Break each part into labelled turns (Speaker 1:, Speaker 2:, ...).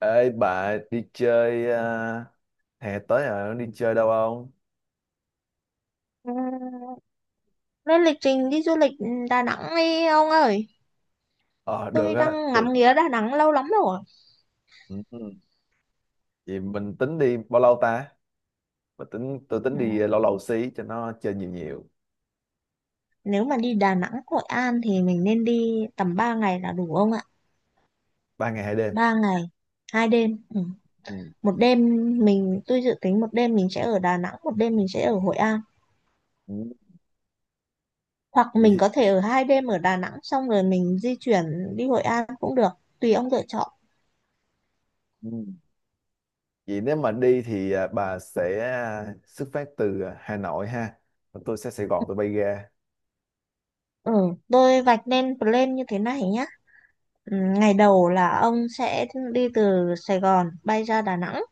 Speaker 1: Ê bà đi chơi à, hè tới rồi đi chơi đâu không?
Speaker 2: Ừ, lên lịch trình đi du lịch Đà Nẵng đi ông ơi.
Speaker 1: Ờ được
Speaker 2: Tôi
Speaker 1: á.
Speaker 2: đang ngắm nghía Đà Nẵng lâu lắm rồi.
Speaker 1: Ừ, ừ. Vậy mình tính đi bao lâu ta? Mình tính tôi
Speaker 2: Ừ,
Speaker 1: tính đi lâu lâu xí cho nó chơi nhiều nhiều.
Speaker 2: nếu mà đi Đà Nẵng, Hội An thì mình nên đi tầm 3 ngày là đủ ông ạ?
Speaker 1: 3 ngày 2 đêm.
Speaker 2: Ba ngày, 2 đêm. Ừ.
Speaker 1: Ừ.
Speaker 2: Một đêm tôi dự tính một đêm mình sẽ ở Đà Nẵng, một đêm mình sẽ ở Hội An.
Speaker 1: Ừ.
Speaker 2: Hoặc
Speaker 1: Vậy,
Speaker 2: mình
Speaker 1: thì-
Speaker 2: có thể ở hai đêm ở Đà Nẵng xong rồi mình di chuyển đi Hội An cũng được, tùy ông lựa chọn.
Speaker 1: ừ. Vậy nếu mà đi thì bà sẽ xuất phát từ Hà Nội ha. Còn tôi sẽ Sài Gòn tôi bay ra.
Speaker 2: Ừ, tôi vạch nên plan như thế này nhé. Ừ, ngày đầu là ông sẽ đi từ Sài Gòn bay ra Đà Nẵng.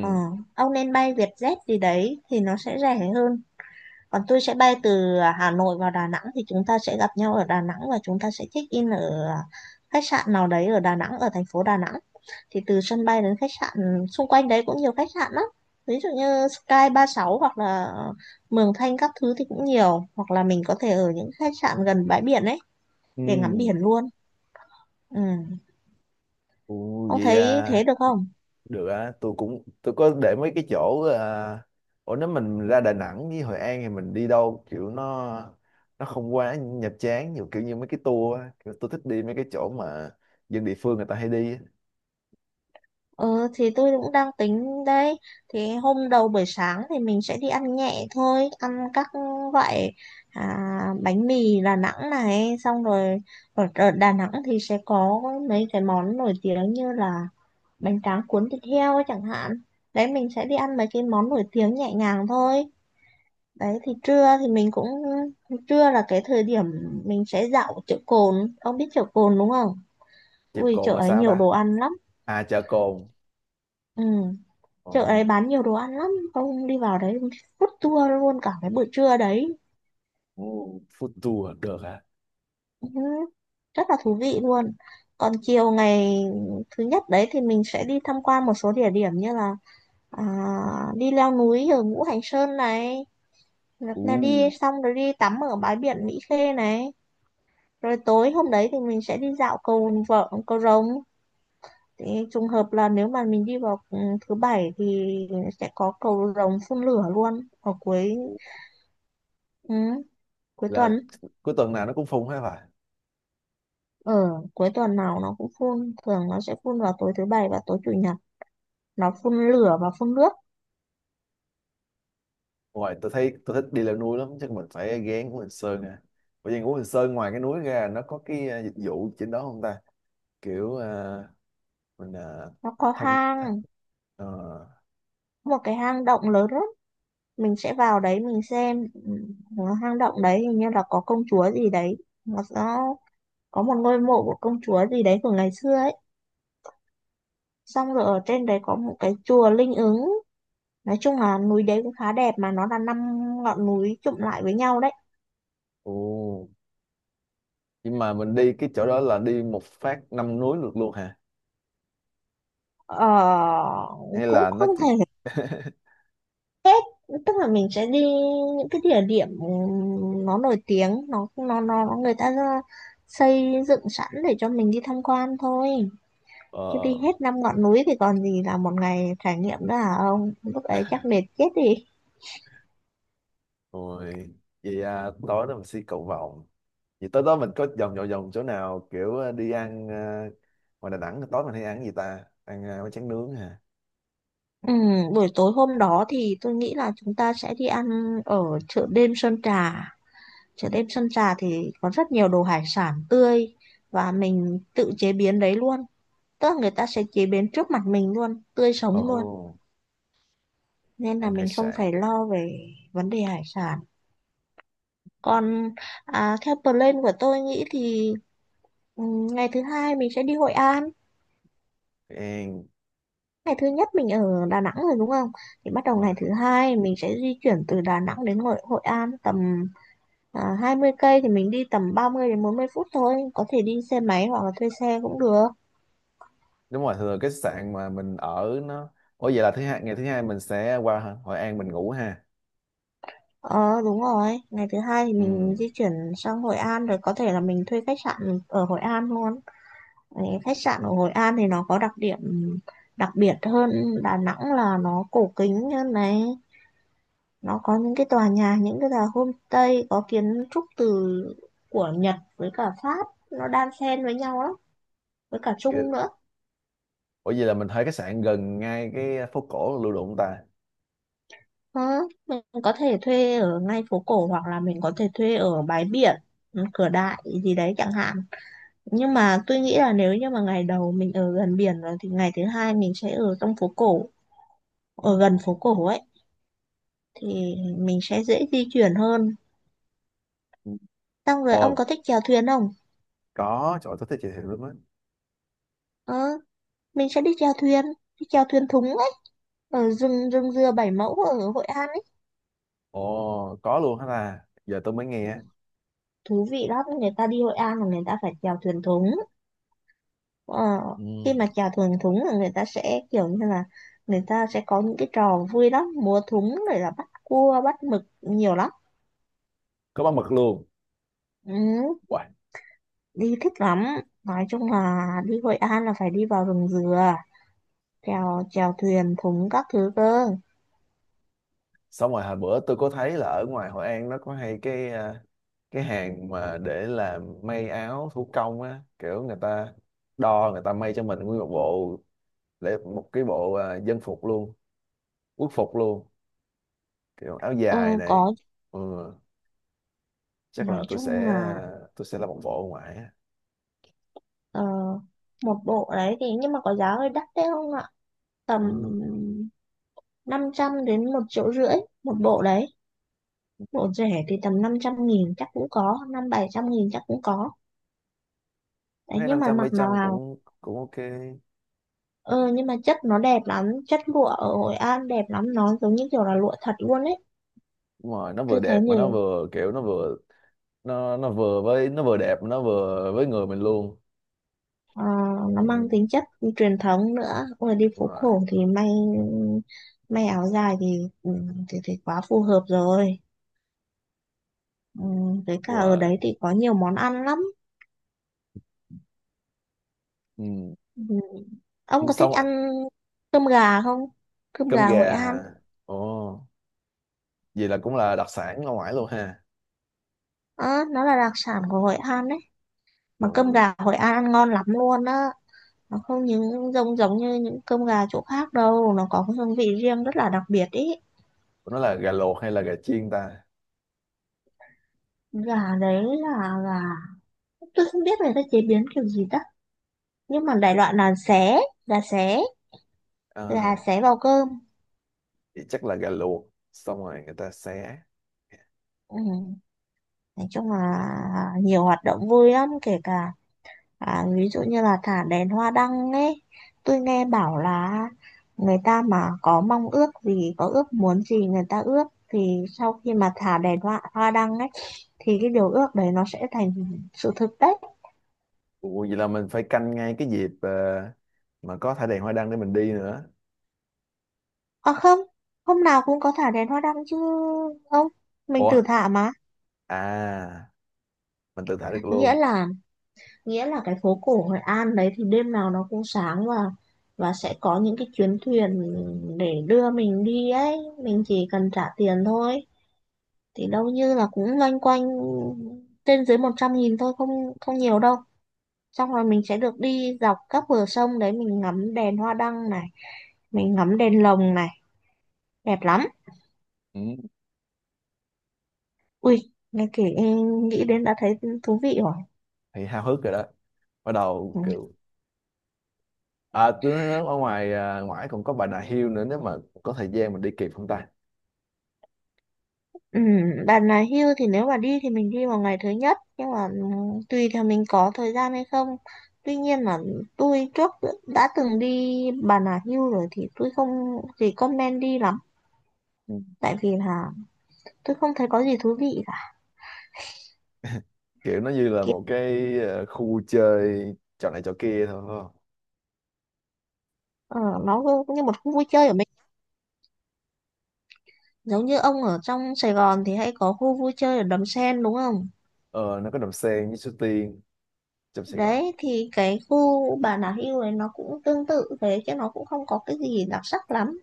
Speaker 2: Ờ, ông nên bay Vietjet gì đấy thì nó sẽ rẻ hơn. Còn tôi sẽ bay từ Hà Nội vào Đà Nẵng thì chúng ta sẽ gặp nhau ở Đà Nẵng và chúng ta sẽ check in ở khách sạn nào đấy ở Đà Nẵng, ở thành phố Đà Nẵng. Thì từ sân bay đến khách sạn xung quanh đấy cũng nhiều khách sạn lắm. Ví dụ như Sky ba mươi sáu hoặc là Mường Thanh các thứ thì cũng nhiều. Hoặc là mình có thể ở những khách sạn gần bãi biển ấy
Speaker 1: Ừ.
Speaker 2: để ngắm biển luôn. Ừ.
Speaker 1: Ủa,
Speaker 2: Ông
Speaker 1: vậy
Speaker 2: thấy thế
Speaker 1: à,
Speaker 2: được không?
Speaker 1: được á, tôi có để mấy cái chỗ ủa, nếu mình ra Đà Nẵng với Hội An thì mình đi đâu kiểu nó không quá nhập chán nhiều kiểu như mấy cái tour á. Kiểu tôi thích đi mấy cái chỗ mà dân địa phương người ta hay đi á.
Speaker 2: Ừ thì tôi cũng đang tính đấy. Thì hôm đầu buổi sáng thì mình sẽ đi ăn nhẹ thôi. Ăn các loại à, bánh mì Đà Nẵng này. Xong rồi ở Đà Nẵng thì sẽ có mấy cái món nổi tiếng như là bánh tráng cuốn thịt heo ấy chẳng hạn. Đấy, mình sẽ đi ăn mấy cái món nổi tiếng nhẹ nhàng thôi. Đấy thì trưa thì mình cũng, trưa là cái thời điểm mình sẽ dạo chợ Cồn. Ông biết chợ Cồn đúng không?
Speaker 1: Chèo
Speaker 2: Ui chợ
Speaker 1: cồn là
Speaker 2: ấy
Speaker 1: sao
Speaker 2: nhiều
Speaker 1: ta?
Speaker 2: đồ ăn lắm.
Speaker 1: À, chợ cồn.
Speaker 2: Ừ,
Speaker 1: Ờ.
Speaker 2: chợ đấy bán nhiều đồ ăn lắm, ông đi vào đấy ông food tour luôn cả cái buổi trưa đấy.
Speaker 1: Ồ, food tour được hả?
Speaker 2: Ừ, rất là thú vị luôn. Còn chiều ngày thứ nhất đấy thì mình sẽ đi tham quan một số địa điểm như là à, đi leo núi ở Ngũ Hành Sơn này, hoặc là đi
Speaker 1: Ồ,
Speaker 2: xong rồi đi tắm ở bãi biển Mỹ Khê này, rồi tối hôm đấy thì mình sẽ đi dạo cầu vợ cầu rồng. Thì trùng hợp là nếu mà mình đi vào thứ bảy thì sẽ có cầu rồng phun lửa luôn ở cuối, ừ, cuối
Speaker 1: là
Speaker 2: tuần.
Speaker 1: cuối tuần nào nó cũng phun hết phải?
Speaker 2: Ở cuối tuần nào nó cũng phun, thường nó sẽ phun vào tối thứ bảy và tối chủ nhật, nó phun lửa và phun nước.
Speaker 1: Ngoài tôi thấy tôi thích đi leo núi lắm, chắc mình phải ghé Ngũ Hành Sơn nè. Bởi vì Ngũ Hành Sơn ngoài cái núi ra nó có cái dịch vụ trên đó không ta? Kiểu ờ, mình à,
Speaker 2: Nó có
Speaker 1: thăm tha-
Speaker 2: hang,
Speaker 1: ờ,
Speaker 2: một cái hang động lớn lắm, mình sẽ vào đấy mình xem. Ừ, hang động đấy hình như là có công chúa gì đấy, nó có một ngôi mộ của công chúa gì đấy của ngày xưa ấy, xong rồi ở trên đấy có một cái chùa linh ứng. Nói chung là núi đấy cũng khá đẹp mà nó là năm ngọn núi chụm lại với nhau đấy.
Speaker 1: ồ. Nhưng mà mình đi cái chỗ đó là đi một phát 5 núi được luôn hả?
Speaker 2: Ờ,
Speaker 1: Hay
Speaker 2: cũng
Speaker 1: là nó
Speaker 2: không
Speaker 1: chỉ
Speaker 2: thể, tức là mình sẽ đi những cái địa điểm nó nổi tiếng, nó người ta xây dựng sẵn để cho mình đi tham quan thôi, chứ
Speaker 1: ờ.
Speaker 2: đi hết năm ngọn núi thì còn gì là một ngày trải nghiệm nữa hả ông, lúc ấy chắc mệt chết đi.
Speaker 1: Rồi, vậy tối đó mình đi cầu vồng. Vậy tối đó mình có vòng vòng vòng chỗ nào kiểu đi ăn ngoài Đà Nẵng, tối mình hay ăn cái gì ta, ăn bánh tráng nướng hả?
Speaker 2: Ừ, buổi tối hôm đó thì tôi nghĩ là chúng ta sẽ đi ăn ở chợ đêm Sơn Trà. Chợ đêm Sơn Trà thì có rất nhiều đồ hải sản tươi và mình tự chế biến đấy luôn, tức là người ta sẽ chế biến trước mặt mình luôn, tươi
Speaker 1: Ồ,
Speaker 2: sống luôn, nên là
Speaker 1: ăn hải
Speaker 2: mình không
Speaker 1: sản.
Speaker 2: phải lo về vấn đề hải sản. Còn theo plan của tôi nghĩ thì ừ, ngày thứ hai mình sẽ đi Hội An.
Speaker 1: Ăn
Speaker 2: Ngày thứ nhất mình ở Đà Nẵng rồi đúng không, thì bắt đầu
Speaker 1: đúng rồi.
Speaker 2: ngày thứ hai mình sẽ di chuyển từ Đà Nẵng đến Hội An tầm 20 cây, thì mình đi tầm 30 đến 40 phút thôi, có thể đi xe máy hoặc là thuê xe cũng được.
Speaker 1: Đúng rồi, thường cái sạn mà mình ở nó... Ủa, vậy là thứ hai, ngày thứ hai mình sẽ qua Hội An mình ngủ ha?
Speaker 2: Ờ đúng rồi, ngày thứ hai thì
Speaker 1: Ừ.
Speaker 2: mình di chuyển sang Hội An rồi có thể là mình thuê khách sạn ở Hội An luôn. Đấy, khách sạn ở Hội An thì nó có đặc điểm đặc biệt hơn Đà Nẵng là nó cổ kính hơn này, nó có những cái tòa nhà, những cái tòa homestay có kiến trúc từ của Nhật với cả Pháp nó đan xen với nhau lắm, với cả Trung nữa.
Speaker 1: Ủa vậy là mình thuê khách sạn gần ngay cái phố cổ Lưu Động ta?
Speaker 2: Ờ, mình có thể thuê ở ngay phố cổ hoặc là mình có thể thuê ở bãi biển cửa đại gì đấy chẳng hạn, nhưng mà tôi nghĩ là nếu như mà ngày đầu mình ở gần biển rồi thì ngày thứ hai mình sẽ ở trong phố cổ, ở gần phố cổ ấy, thì mình sẽ dễ di chuyển hơn.
Speaker 1: Ừ.
Speaker 2: Xong rồi ông có
Speaker 1: Ồ,
Speaker 2: thích chèo thuyền không?
Speaker 1: có, trời ơi, tôi thích chị thiệu lắm á.
Speaker 2: Ờ, mình sẽ đi chèo thuyền thúng ấy, ở rừng rừng dừa Bảy Mẫu ở Hội An ấy.
Speaker 1: Ồ, có luôn hả ta? Giờ tôi mới nghe.
Speaker 2: Thú vị lắm, người ta đi Hội An là người ta phải chèo thuyền thúng. Ờ,
Speaker 1: Ừ.
Speaker 2: khi mà chèo thuyền thúng là người ta sẽ kiểu như là người ta sẽ có những cái trò vui lắm, múa thúng rồi là bắt cua, bắt mực nhiều lắm.
Speaker 1: Có bán mực luôn.
Speaker 2: Ừ,
Speaker 1: Wow.
Speaker 2: đi thích lắm. Nói chung là đi Hội An là phải đi vào rừng dừa, chèo chèo thuyền thúng các thứ cơ.
Speaker 1: Xong rồi hồi bữa tôi có thấy là ở ngoài Hội An nó có hay cái cái hàng mà để làm may áo thủ công á, kiểu người ta đo người ta may cho mình nguyên một bộ, để một cái bộ dân phục luôn, quốc phục luôn, kiểu áo dài
Speaker 2: Ừ,
Speaker 1: này.
Speaker 2: có.
Speaker 1: Ừ. Chắc
Speaker 2: Nói
Speaker 1: là tôi
Speaker 2: chung
Speaker 1: sẽ
Speaker 2: là
Speaker 1: ờ, tôi sẽ làm một bộ ở ngoài.
Speaker 2: ờ, một bộ đấy thì nhưng mà có giá hơi đắt đấy không ạ, tầm
Speaker 1: Ừ.
Speaker 2: 500 đến một triệu rưỡi một bộ đấy. Bộ rẻ thì tầm 500 nghìn chắc cũng có, năm bảy trăm nghìn chắc cũng có đấy,
Speaker 1: Thấy
Speaker 2: nhưng
Speaker 1: năm
Speaker 2: mà
Speaker 1: trăm
Speaker 2: mặc
Speaker 1: mấy
Speaker 2: nó
Speaker 1: trăm
Speaker 2: vào
Speaker 1: cũng cũng ok.
Speaker 2: ờ nhưng mà chất nó đẹp lắm, chất lụa ở Hội An đẹp lắm, nó giống như kiểu là lụa thật luôn ấy.
Speaker 1: Nhưng mà nó vừa
Speaker 2: Tôi thấy
Speaker 1: đẹp mà nó
Speaker 2: nhiều.
Speaker 1: vừa kiểu nó vừa với nó vừa đẹp mà nó vừa với người mình luôn.
Speaker 2: Ờ, nó
Speaker 1: Ừ.
Speaker 2: mang tính chất truyền thống nữa. Ôi, đi
Speaker 1: Đúng
Speaker 2: phố
Speaker 1: rồi.
Speaker 2: cổ thì may, may áo dài thì, ừ, thì quá phù hợp rồi. Ừ, với cả
Speaker 1: Đúng
Speaker 2: ở
Speaker 1: rồi.
Speaker 2: đấy thì có nhiều món ăn lắm.
Speaker 1: Ừ.
Speaker 2: Ừ. Ông
Speaker 1: Ừ,
Speaker 2: có
Speaker 1: xong
Speaker 2: thích ăn
Speaker 1: rồi.
Speaker 2: cơm gà không? Cơm
Speaker 1: Cơm
Speaker 2: gà Hội
Speaker 1: gà
Speaker 2: An.
Speaker 1: hả? Ồ, vậy là cũng là đặc sản ở ngoài luôn ha.
Speaker 2: Ờ, nó là đặc sản của Hội An đấy. Mà cơm
Speaker 1: Ồ,
Speaker 2: gà Hội An ăn ngon lắm luôn á. Nó không những giống giống như những cơm gà chỗ khác đâu. Nó có cái hương vị riêng rất là đặc biệt ý.
Speaker 1: nó là gà luộc hay là gà chiên ta?
Speaker 2: Gà đấy là gà... Tôi không biết người ta chế biến kiểu gì đó. Nhưng mà đại loại là xé. Gà xé.
Speaker 1: À,
Speaker 2: Gà xé vào cơm.
Speaker 1: vậy chắc là gà luộc xong rồi người ta xé.
Speaker 2: Ừ. Nói chung là nhiều hoạt động vui lắm. Kể cả, à, ví dụ như là thả đèn hoa đăng ấy, tôi nghe bảo là người ta mà có mong ước gì, có ước muốn gì người ta ước thì sau khi mà thả đèn hoa, hoa đăng ấy thì cái điều ước đấy nó sẽ thành sự thực đấy.
Speaker 1: Ồ, vậy là mình phải canh ngay cái dịp mà có thả đèn hoa đăng để mình đi nữa.
Speaker 2: À không, hôm nào cũng có thả đèn hoa đăng chứ, không, mình
Speaker 1: Ủa,
Speaker 2: tự thả mà.
Speaker 1: à, mình tự thả được
Speaker 2: Nghĩa
Speaker 1: luôn?
Speaker 2: là nghĩa là cái phố cổ Hội An đấy thì đêm nào nó cũng sáng, và sẽ có những cái chuyến thuyền để đưa mình đi ấy, mình chỉ cần trả tiền thôi. Thì đâu như là cũng loanh quanh trên dưới 100 nghìn thôi, không, không nhiều đâu. Xong rồi mình sẽ được đi dọc các bờ sông đấy, mình ngắm đèn hoa đăng này, mình ngắm đèn lồng này, đẹp lắm.
Speaker 1: Ừ,
Speaker 2: Ui nghe kể nghĩ đến đã thấy thú vị rồi.
Speaker 1: thì háo hức rồi đó. Bắt đầu
Speaker 2: Ừ.
Speaker 1: kiểu... À, tôi nói ở ngoài ngoại còn có Bà Nà Hills nữa, nếu mà có thời gian mình đi kịp không ta?
Speaker 2: Ừ, bạn là hưu thì nếu mà đi thì mình đi vào ngày thứ nhất, nhưng mà ừ, tùy theo mình có thời gian hay không. Tuy nhiên là tôi trước đã từng đi Bà Nà Hưu rồi thì tôi không thì comment đi lắm,
Speaker 1: Ừ.
Speaker 2: tại vì là tôi không thấy có gì thú vị.
Speaker 1: Kiểu nó như là
Speaker 2: Kiểu
Speaker 1: một cái khu chơi trò này trò kia thôi phải không?
Speaker 2: ờ, nó cứ như một khu vui chơi ở mình, giống như ông ở trong Sài Gòn thì hay có khu vui chơi ở Đầm Sen đúng không,
Speaker 1: Ờ, nó có Đầm Sen với Suối Tiên trong Sài Gòn.
Speaker 2: đấy thì cái khu Bà Nà Hills này nó cũng tương tự thế chứ nó cũng không có cái gì đặc sắc lắm.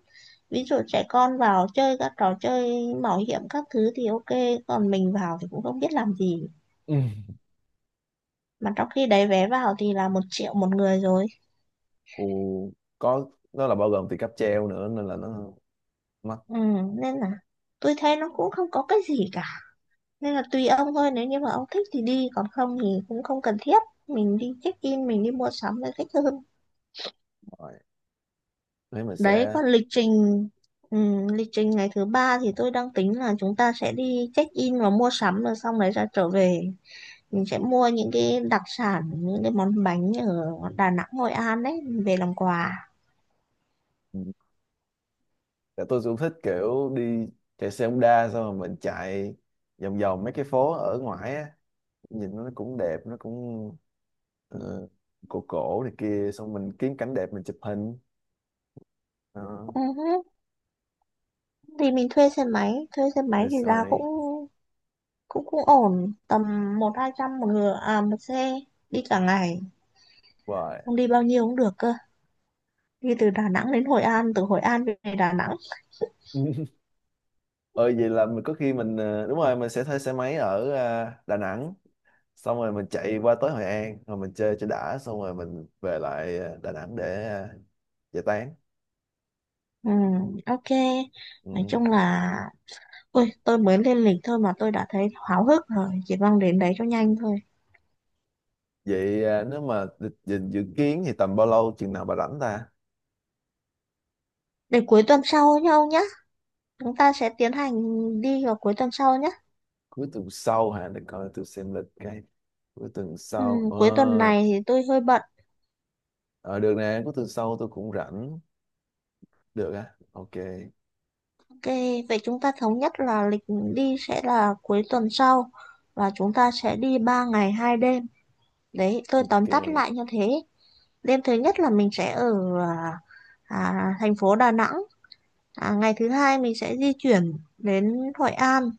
Speaker 2: Ví dụ trẻ con vào chơi các trò chơi mạo hiểm các thứ thì ok, còn mình vào thì cũng không biết làm gì,
Speaker 1: Ừ.
Speaker 2: mà trong khi đấy vé vào thì là một triệu một người rồi.
Speaker 1: Ồ, có, nó là bao gồm tiền cáp treo nữa nên là nó mắc.
Speaker 2: Ừ, nên là tôi thấy nó cũng không có cái gì cả, nên là tùy ông thôi, nếu như mà ông thích thì đi, còn không thì cũng không cần thiết, mình đi check in mình đi mua sắm là thích hơn.
Speaker 1: Mỏi thế mình
Speaker 2: Đấy
Speaker 1: sẽ...
Speaker 2: còn lịch trình, lịch trình ngày thứ ba thì tôi đang tính là chúng ta sẽ đi check in và mua sắm rồi xong đấy ra trở về, mình sẽ mua những cái đặc sản, những cái món bánh ở Đà Nẵng Hội An đấy về làm quà.
Speaker 1: Ừ. Tại tôi cũng thích kiểu đi chạy xe Honda, xong rồi mình chạy vòng vòng mấy cái phố ở ngoài á, nhìn nó cũng đẹp, nó cũng ờ, cổ cổ này kia, xong mình kiếm cảnh đẹp mình chụp hình đó.
Speaker 2: Ừ hứ. Thì mình thuê xe máy, thuê xe máy
Speaker 1: Rồi
Speaker 2: thì
Speaker 1: sau
Speaker 2: giá cũng
Speaker 1: này
Speaker 2: cũng cũng ổn, tầm một hai trăm một người à một xe, đi cả ngày
Speaker 1: hoài
Speaker 2: không đi bao nhiêu cũng được cơ, đi từ Đà Nẵng đến Hội An, từ Hội An về Đà Nẵng.
Speaker 1: ờ, vậy là mình có khi mình đúng rồi, mình sẽ thuê xe máy ở Đà Nẵng, xong rồi mình chạy qua tới Hội An rồi mình chơi cho đã, xong rồi mình về lại Đà Nẵng để giải tán.
Speaker 2: Ừ, ok. Nói
Speaker 1: Ừ.
Speaker 2: chung là ôi tôi mới lên lịch thôi mà tôi đã thấy háo hức rồi, chỉ mong đến đấy cho nhanh thôi.
Speaker 1: Vậy nếu mà dự kiến thì tầm bao lâu, chừng nào bà rảnh ta?
Speaker 2: Để cuối tuần sau nhau nhá, chúng ta sẽ tiến hành đi vào cuối tuần sau nhá.
Speaker 1: Cuối tuần sau hả? Để coi tôi xem lịch cái. Cuối tuần
Speaker 2: Ừ,
Speaker 1: sau
Speaker 2: cuối tuần
Speaker 1: ờ.
Speaker 2: này thì tôi hơi bận.
Speaker 1: Ờ, được nè, cuối tuần sau tôi cũng rảnh. Được á, ok.
Speaker 2: Ok, vậy chúng ta thống nhất là lịch đi sẽ là cuối tuần sau, và chúng ta sẽ đi 3 ngày hai đêm. Đấy tôi tóm tắt
Speaker 1: Ok.
Speaker 2: lại như thế. Đêm thứ nhất là mình sẽ ở à, thành phố Đà Nẵng. À, ngày thứ hai mình sẽ di chuyển đến Hội An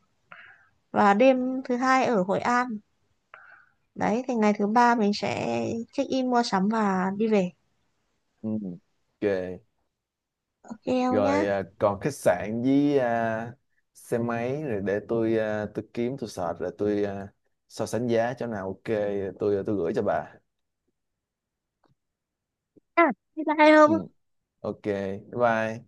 Speaker 2: và đêm thứ hai ở Hội An. Đấy, thì ngày thứ ba mình sẽ check in mua sắm và đi về.
Speaker 1: Ừ. Ok.
Speaker 2: Ok không nhá?
Speaker 1: Rồi còn khách sạn với xe máy rồi, để tôi kiếm tôi search rồi so sánh giá chỗ nào ok rồi tôi gửi cho bà.
Speaker 2: À, thế là
Speaker 1: Ừ.
Speaker 2: không?
Speaker 1: Ok, bye bye.